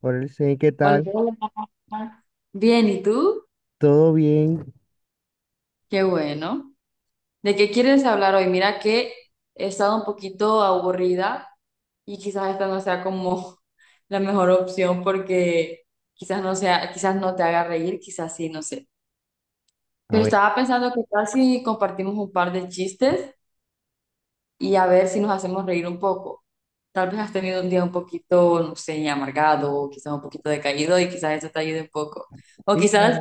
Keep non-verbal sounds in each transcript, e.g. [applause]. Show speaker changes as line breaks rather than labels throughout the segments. Por el sí, ¿qué
Hola,
tal?
hola. Bien, ¿y tú?
¿Todo bien?
Qué bueno. ¿De qué quieres hablar hoy? Mira que he estado un poquito aburrida y quizás esta no sea como [laughs] la mejor opción porque quizás no te haga reír, quizás sí, no sé.
A
Pero
ver,
estaba pensando que tal si compartimos un par de chistes y a ver si nos hacemos reír un poco. Tal vez has tenido un día un poquito, no sé, amargado, o quizás un poquito decaído y quizás eso te ayude un poco. O
sí, claro.
quizás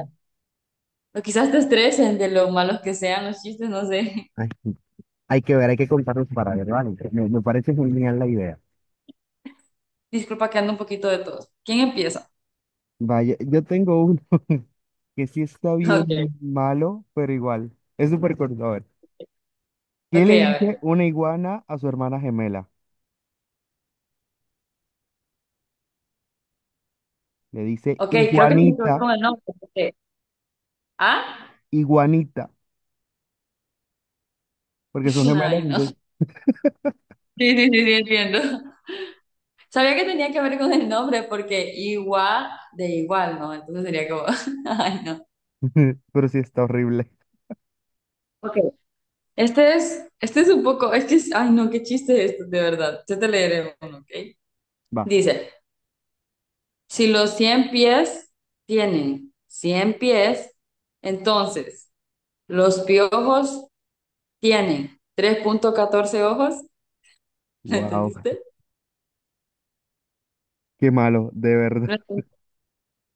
O quizás te estresen de lo malos que sean los chistes, no sé.
Ay, hay que ver, hay que contarnos para ver, ¿vale? Me parece genial la idea.
[laughs] Disculpa que ando un poquito de todos. ¿Quién empieza?
Vaya, yo tengo uno [laughs] que sí está
[laughs] Ok,
bien malo, pero igual. Es súper corto. A ver, ¿qué
ok,
le
a
dice
ver.
una iguana a su hermana gemela? Le dice
Ok, creo que tiene que ver
iguanita,
con el nombre. Porque- ¿Ah?
iguanita, porque son
[laughs]
gemelas,
Ay, no.
entonces.
Sí, sí, sí, sí, entiendo. [laughs] Sabía que tenía que ver con el nombre porque igual de igual, ¿no? Entonces sería como... [laughs] Ay, no.
[laughs] Pero sí está horrible.
Ok. Este es un poco, es que, es- ay no, qué chiste es esto, de verdad. Yo te leeré uno, ¿ok?
Va,
Dice, si los 100 pies tienen 100 pies, entonces... Los piojos tienen 3.14 ojos. [laughs] ¿La
wow,
entendiste?
qué malo, de verdad.
No entendí.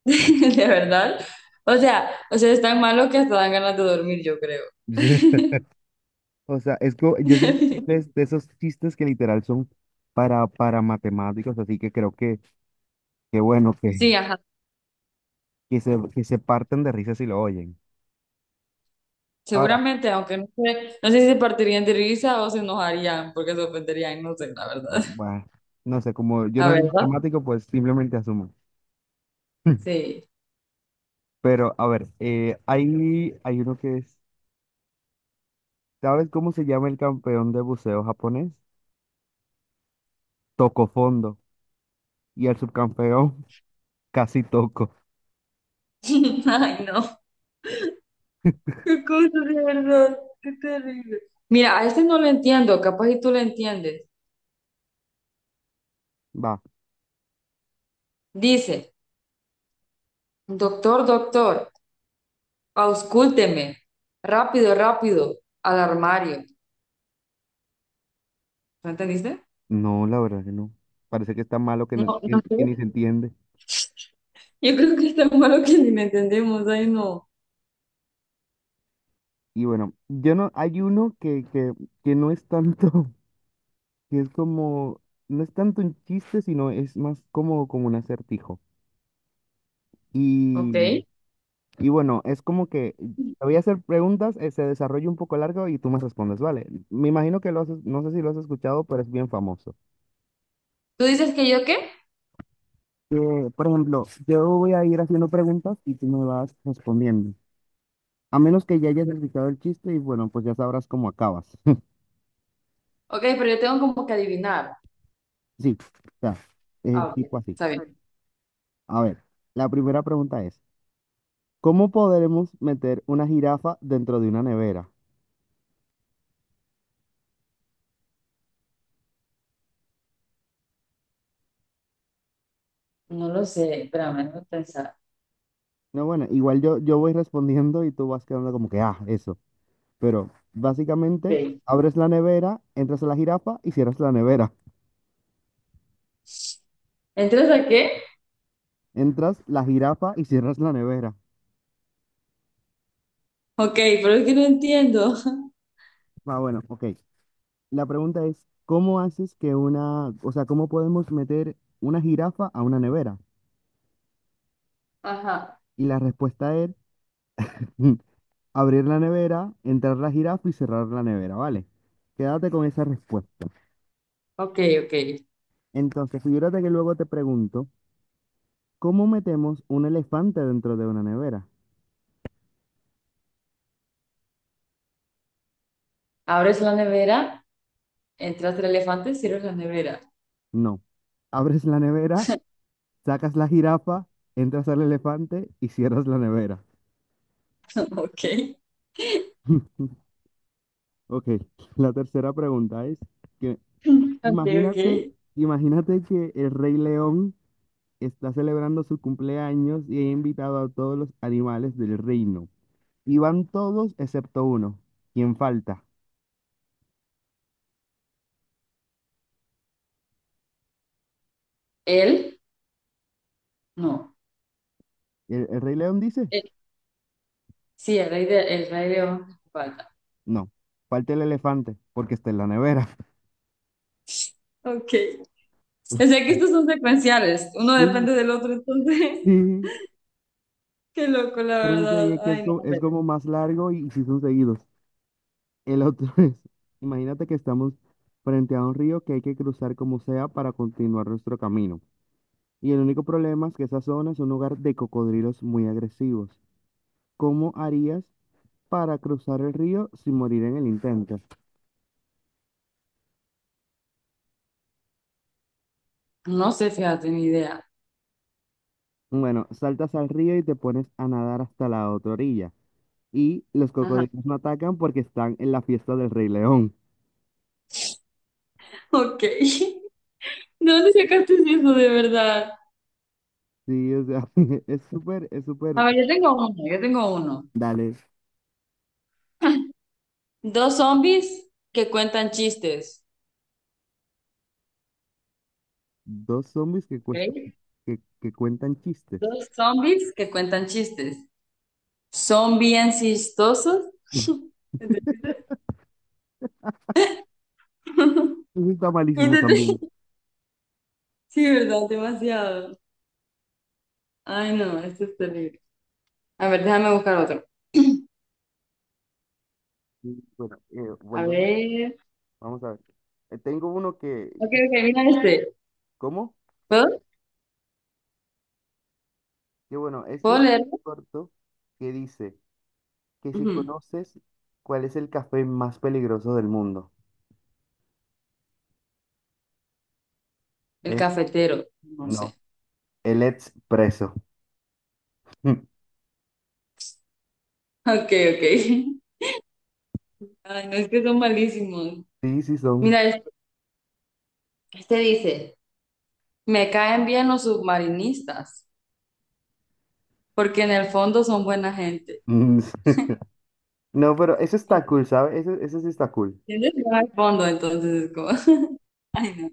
[laughs] De verdad. O sea, es tan malo que hasta dan ganas de dormir, yo creo.
[laughs] O sea, es como, yo siento que
[laughs]
es de, esos chistes que literal son para matemáticos, así que creo que bueno, que,
Sí, ajá.
que se parten de risa si lo oyen. Ahora,
Seguramente, aunque no sé si se partirían de risa o se enojarían porque se ofenderían, no sé, la verdad.
ah,
[laughs]
bueno, no sé, como yo
¿A
no soy
verdad?
matemático, pues simplemente asumo. [laughs]
Sí.
Pero, a ver, hay, hay uno que es, ¿sabes cómo se llama el campeón de buceo japonés? Toco fondo. Y el subcampeón, [laughs] casi toco.
[laughs] Ay, no. Qué cosa de verdad. Qué terrible. Mira, a este no lo entiendo, capaz y tú lo entiendes.
Va,
Dice, doctor, doctor. Auscúlteme. Rápido, rápido. Al armario. ¿No entendiste?
no, la verdad que no. Parece que está malo que,
No, no
que ni
sé.
se entiende.
Yo creo que es tan malo que ni me entendemos. Ay, no.
Y bueno, yo no, hay uno que no es tanto, [laughs] que es como, no es tanto un chiste, sino es más como, como un acertijo.
Ok.
Y, y bueno, es como que te voy a hacer preguntas, se desarrolla un poco largo y tú me respondes, ¿vale? Me imagino que lo has, no sé si lo has escuchado, pero es bien famoso.
¿Tú dices que yo qué?
Por ejemplo, yo voy a ir haciendo preguntas y tú me vas respondiendo. A menos que ya hayas escuchado el chiste y bueno, pues ya sabrás cómo acabas. [laughs]
Ok, pero yo tengo como que adivinar.
Sí, o sea,
Ah, ok.
tipo así.
Está bien.
A ver, la primera pregunta es, ¿cómo podremos meter una jirafa dentro de una nevera?
No lo sé. Espérame, no pensar.
No, bueno, igual yo, yo voy respondiendo y tú vas quedando como que, ah, eso. Pero básicamente
Ok.
abres la nevera, entras a la jirafa y cierras la nevera.
¿Entras a qué?
Entras la jirafa y cierras la nevera.
Ok, pero es que no entiendo. [laughs]
Ah, bueno, ok. La pregunta es, ¿cómo haces que una, o sea, cómo podemos meter una jirafa a una nevera?
Ajá.
Y la respuesta es [laughs] abrir la nevera, entrar la jirafa y cerrar la nevera, ¿vale? Quédate con esa respuesta.
Ok, ok.
Entonces, figúrate que luego te pregunto, ¿cómo metemos un elefante dentro de una nevera?
Abres la nevera, entras el elefante, cierras la nevera.
No. Abres la nevera, sacas la jirafa, entras al elefante y cierras la nevera.
[laughs] Ok. [laughs]
Ok, la tercera pregunta es que
Ok, ok.
imagínate, imagínate que el Rey León está celebrando su cumpleaños y ha invitado a todos los animales del reino. Y van todos excepto uno. ¿Quién falta?
Él, no.
El Rey León dice?
Sí, el rey león de Esparta.
No, falta el elefante porque está en la nevera.
Ok. O
[laughs]
sea que estos son secuenciales. Uno
Sí,
depende del otro, entonces.
sí,
[laughs] Qué loco, la
pero eso te
verdad.
digo que
Ay, no, a
es
ver.
como más largo y, si son seguidos. El otro [laughs] es, imagínate que estamos frente a un río que hay que cruzar como sea para continuar nuestro camino. Y el único problema es que esa zona es un lugar de cocodrilos muy agresivos. ¿Cómo harías para cruzar el río sin morir en el intento?
No sé, fíjate, ni idea.
Bueno, saltas al río y te pones a nadar hasta la otra orilla. Y los
Ajá.
cocodrilos no atacan porque están en la fiesta del Rey León.
Ok. [laughs] ¿De dónde sacaste eso de verdad?
Sí, o sea, [laughs] es súper,
A ver, yo tengo uno.
dale.
Dos zombies que cuentan chistes.
Dos zombies que,
Ok.
que cuentan chistes.
Dos zombies que cuentan chistes. Son bien chistosos.
[laughs]
[laughs] ¿Entendiste?
Eso está
[laughs]
malísimo
¿Entendiste?
también.
Sí, ¿verdad? Demasiado. Ay, no, esto es terrible. A ver, déjame buscar otro.
Y, bueno,
A
volvemos.
ver.
Vamos a ver. Tengo uno que,
Ok, ok, mira este.
¿Cómo?
¿Puedo?
Que bueno, este
¿Puedo
es
leerlo?
corto que dice que si
Ujú.
conoces cuál es el café más peligroso del mundo.
El
Es
cafetero. No
no.
sé. [laughs]
El expreso. [laughs]
Ok, ok. Ay, no, es que son malísimos.
Sí, sí son.
Mira este. Este dice, me caen bien los submarinistas, porque en el fondo son buena gente.
Mm, [laughs] no, pero eso está cool, ¿sabes? Eso sí está cool.
¿Entiendes? No hay fondo, entonces es como... [laughs] Ay, no.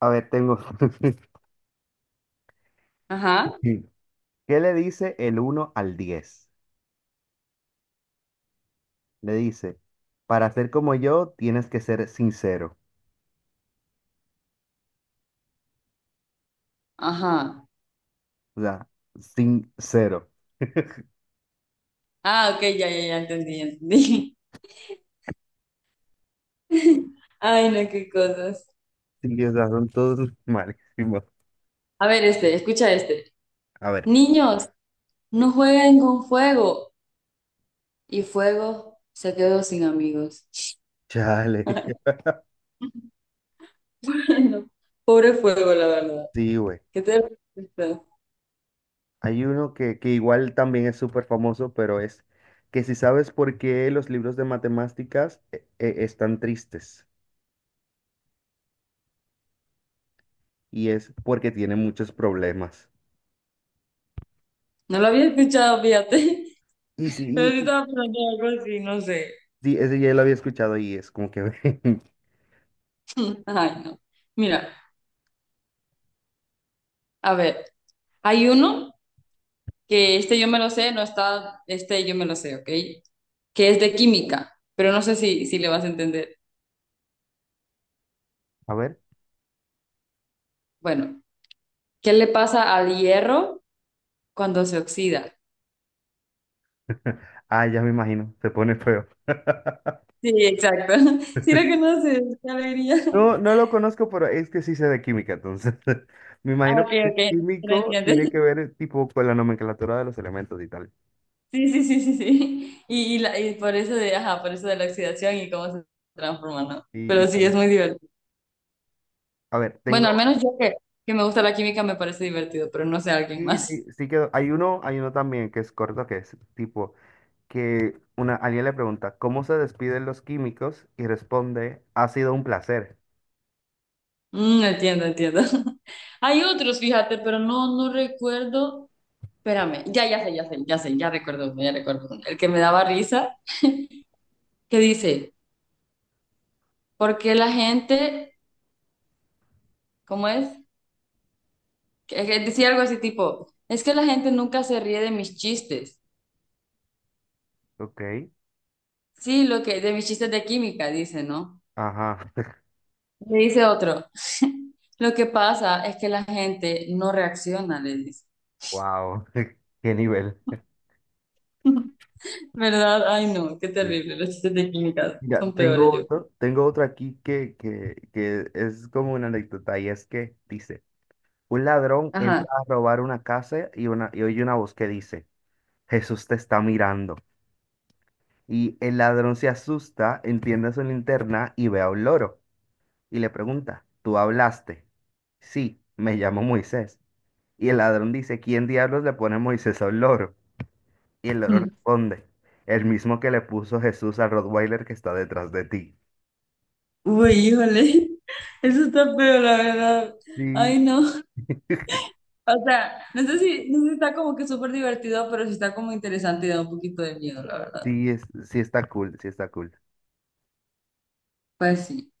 A ver, tengo. [laughs]
Ajá,
¿Qué le dice el uno al diez? Le dice, para ser como yo tienes que ser sincero.
ajá.
O sea, sincero.
Ah, ok, ya entendí, ya entendí. [laughs] Ay, no, qué cosas.
Sí, o sea, son todos [laughs] malísimos.
A ver, este, escucha este.
A ver,
Niños. No jueguen con fuego. Y fuego se quedó sin amigos.
chale.
[laughs] Ay,
[laughs]
no. Pobre fuego, la verdad.
Sí, güey.
¿Qué te parece?
Hay uno que igual también es súper famoso, pero es que si sabes por qué los libros de matemáticas están tristes. Y es porque tienen muchos problemas.
No lo había escuchado, fíjate.
Y
[laughs] Pero
sí,
sí estaba pensando en algo así, no sé.
sí, ese ya lo había escuchado y es como que...
[laughs] Ay, no. Mira, a ver, hay uno que este yo me lo sé, no está, este yo me lo sé, ¿ok? Que es de química, pero no sé si le vas a entender.
[laughs] A ver.
Bueno, ¿qué le pasa al hierro cuando se oxida?
Ah, ya me imagino. Se pone feo. [laughs]
Sí, exacto. [laughs] Sí, lo conoces, qué alegría.
No, no lo conozco, pero es que sí sé de química, entonces [laughs] me
Ah,
imagino que si es
ok, entonces lo
químico
entiendes.
tiene que
[laughs]
ver tipo con la nomenclatura de los elementos y tal.
Sí. Por eso de, ajá, por eso de la oxidación y cómo se transforma, ¿no? Pero
Y
sí,
tal.
es muy divertido.
A ver,
Bueno, al
tengo.
menos yo que me gusta la química me parece divertido, pero no sé alguien
Sí, sí,
más.
sí que hay uno también que es corto, que es tipo que una alguien le pregunta ¿cómo se despiden los químicos? Y responde, ha sido un placer.
Mm, entiendo, entiendo. [laughs] Hay otros, fíjate, pero no, no recuerdo. Espérame, ya, ya sé, ya sé, ya sé, ya recuerdo, uno, ya recuerdo uno. El que me daba risa, que dice, ¿por qué la gente, cómo es? Que decía algo así tipo, es que la gente nunca se ríe de mis chistes.
Ok,
Sí, lo que de mis chistes de química dice, ¿no?
ajá. [laughs]
Le dice otro, lo que pasa es que la gente no reacciona, le dice.
Wow, [laughs] qué nivel.
[laughs] ¿Verdad? Ay, no, qué
Sí.
terrible. Los chistes de química
Ya,
son peores yo.
tengo otro aquí que, que es como una anécdota y es que dice. Un ladrón entra
Ajá.
a robar una casa y, una, y oye una voz que dice, Jesús te está mirando. Y el ladrón se asusta, enciende su linterna y ve a un loro. Y le pregunta, ¿tú hablaste? Sí, me llamo Moisés. Y el ladrón dice, ¿quién diablos le pone Moisés a un loro? Y el loro
Mm.
responde, el mismo que le puso Jesús al Rottweiler que está detrás de ti.
Uy, híjole. [laughs] Eso está peor, la verdad.
Sí,
Ay, no. O sea, no sé si está como que súper divertido, pero sí está como interesante y da un poquito de miedo, la verdad.
sí, es, sí está cool, sí está cool.
Pues sí.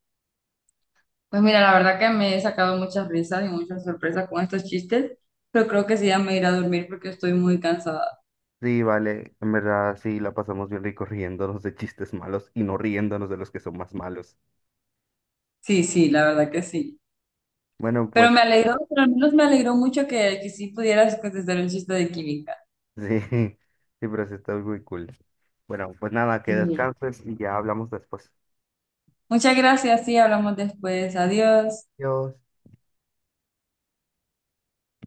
Pues mira, la verdad que me he sacado muchas risas y muchas sorpresas con estos chistes, pero creo que sí ya me iré a dormir porque estoy muy cansada.
Sí, vale, en verdad sí la pasamos bien rico riéndonos de chistes malos y no riéndonos de los que son más malos.
Sí, sí, la verdad que sí.
Bueno,
Pero
pues
me alegró, pero al menos me alegró mucho que sí pudieras contestar el chiste de química.
sí, [laughs] sí, pero sí está muy cool. Bueno, pues nada, que
Mm.
descanses y ya hablamos después.
Muchas gracias, sí, hablamos después. Adiós.
Adiós.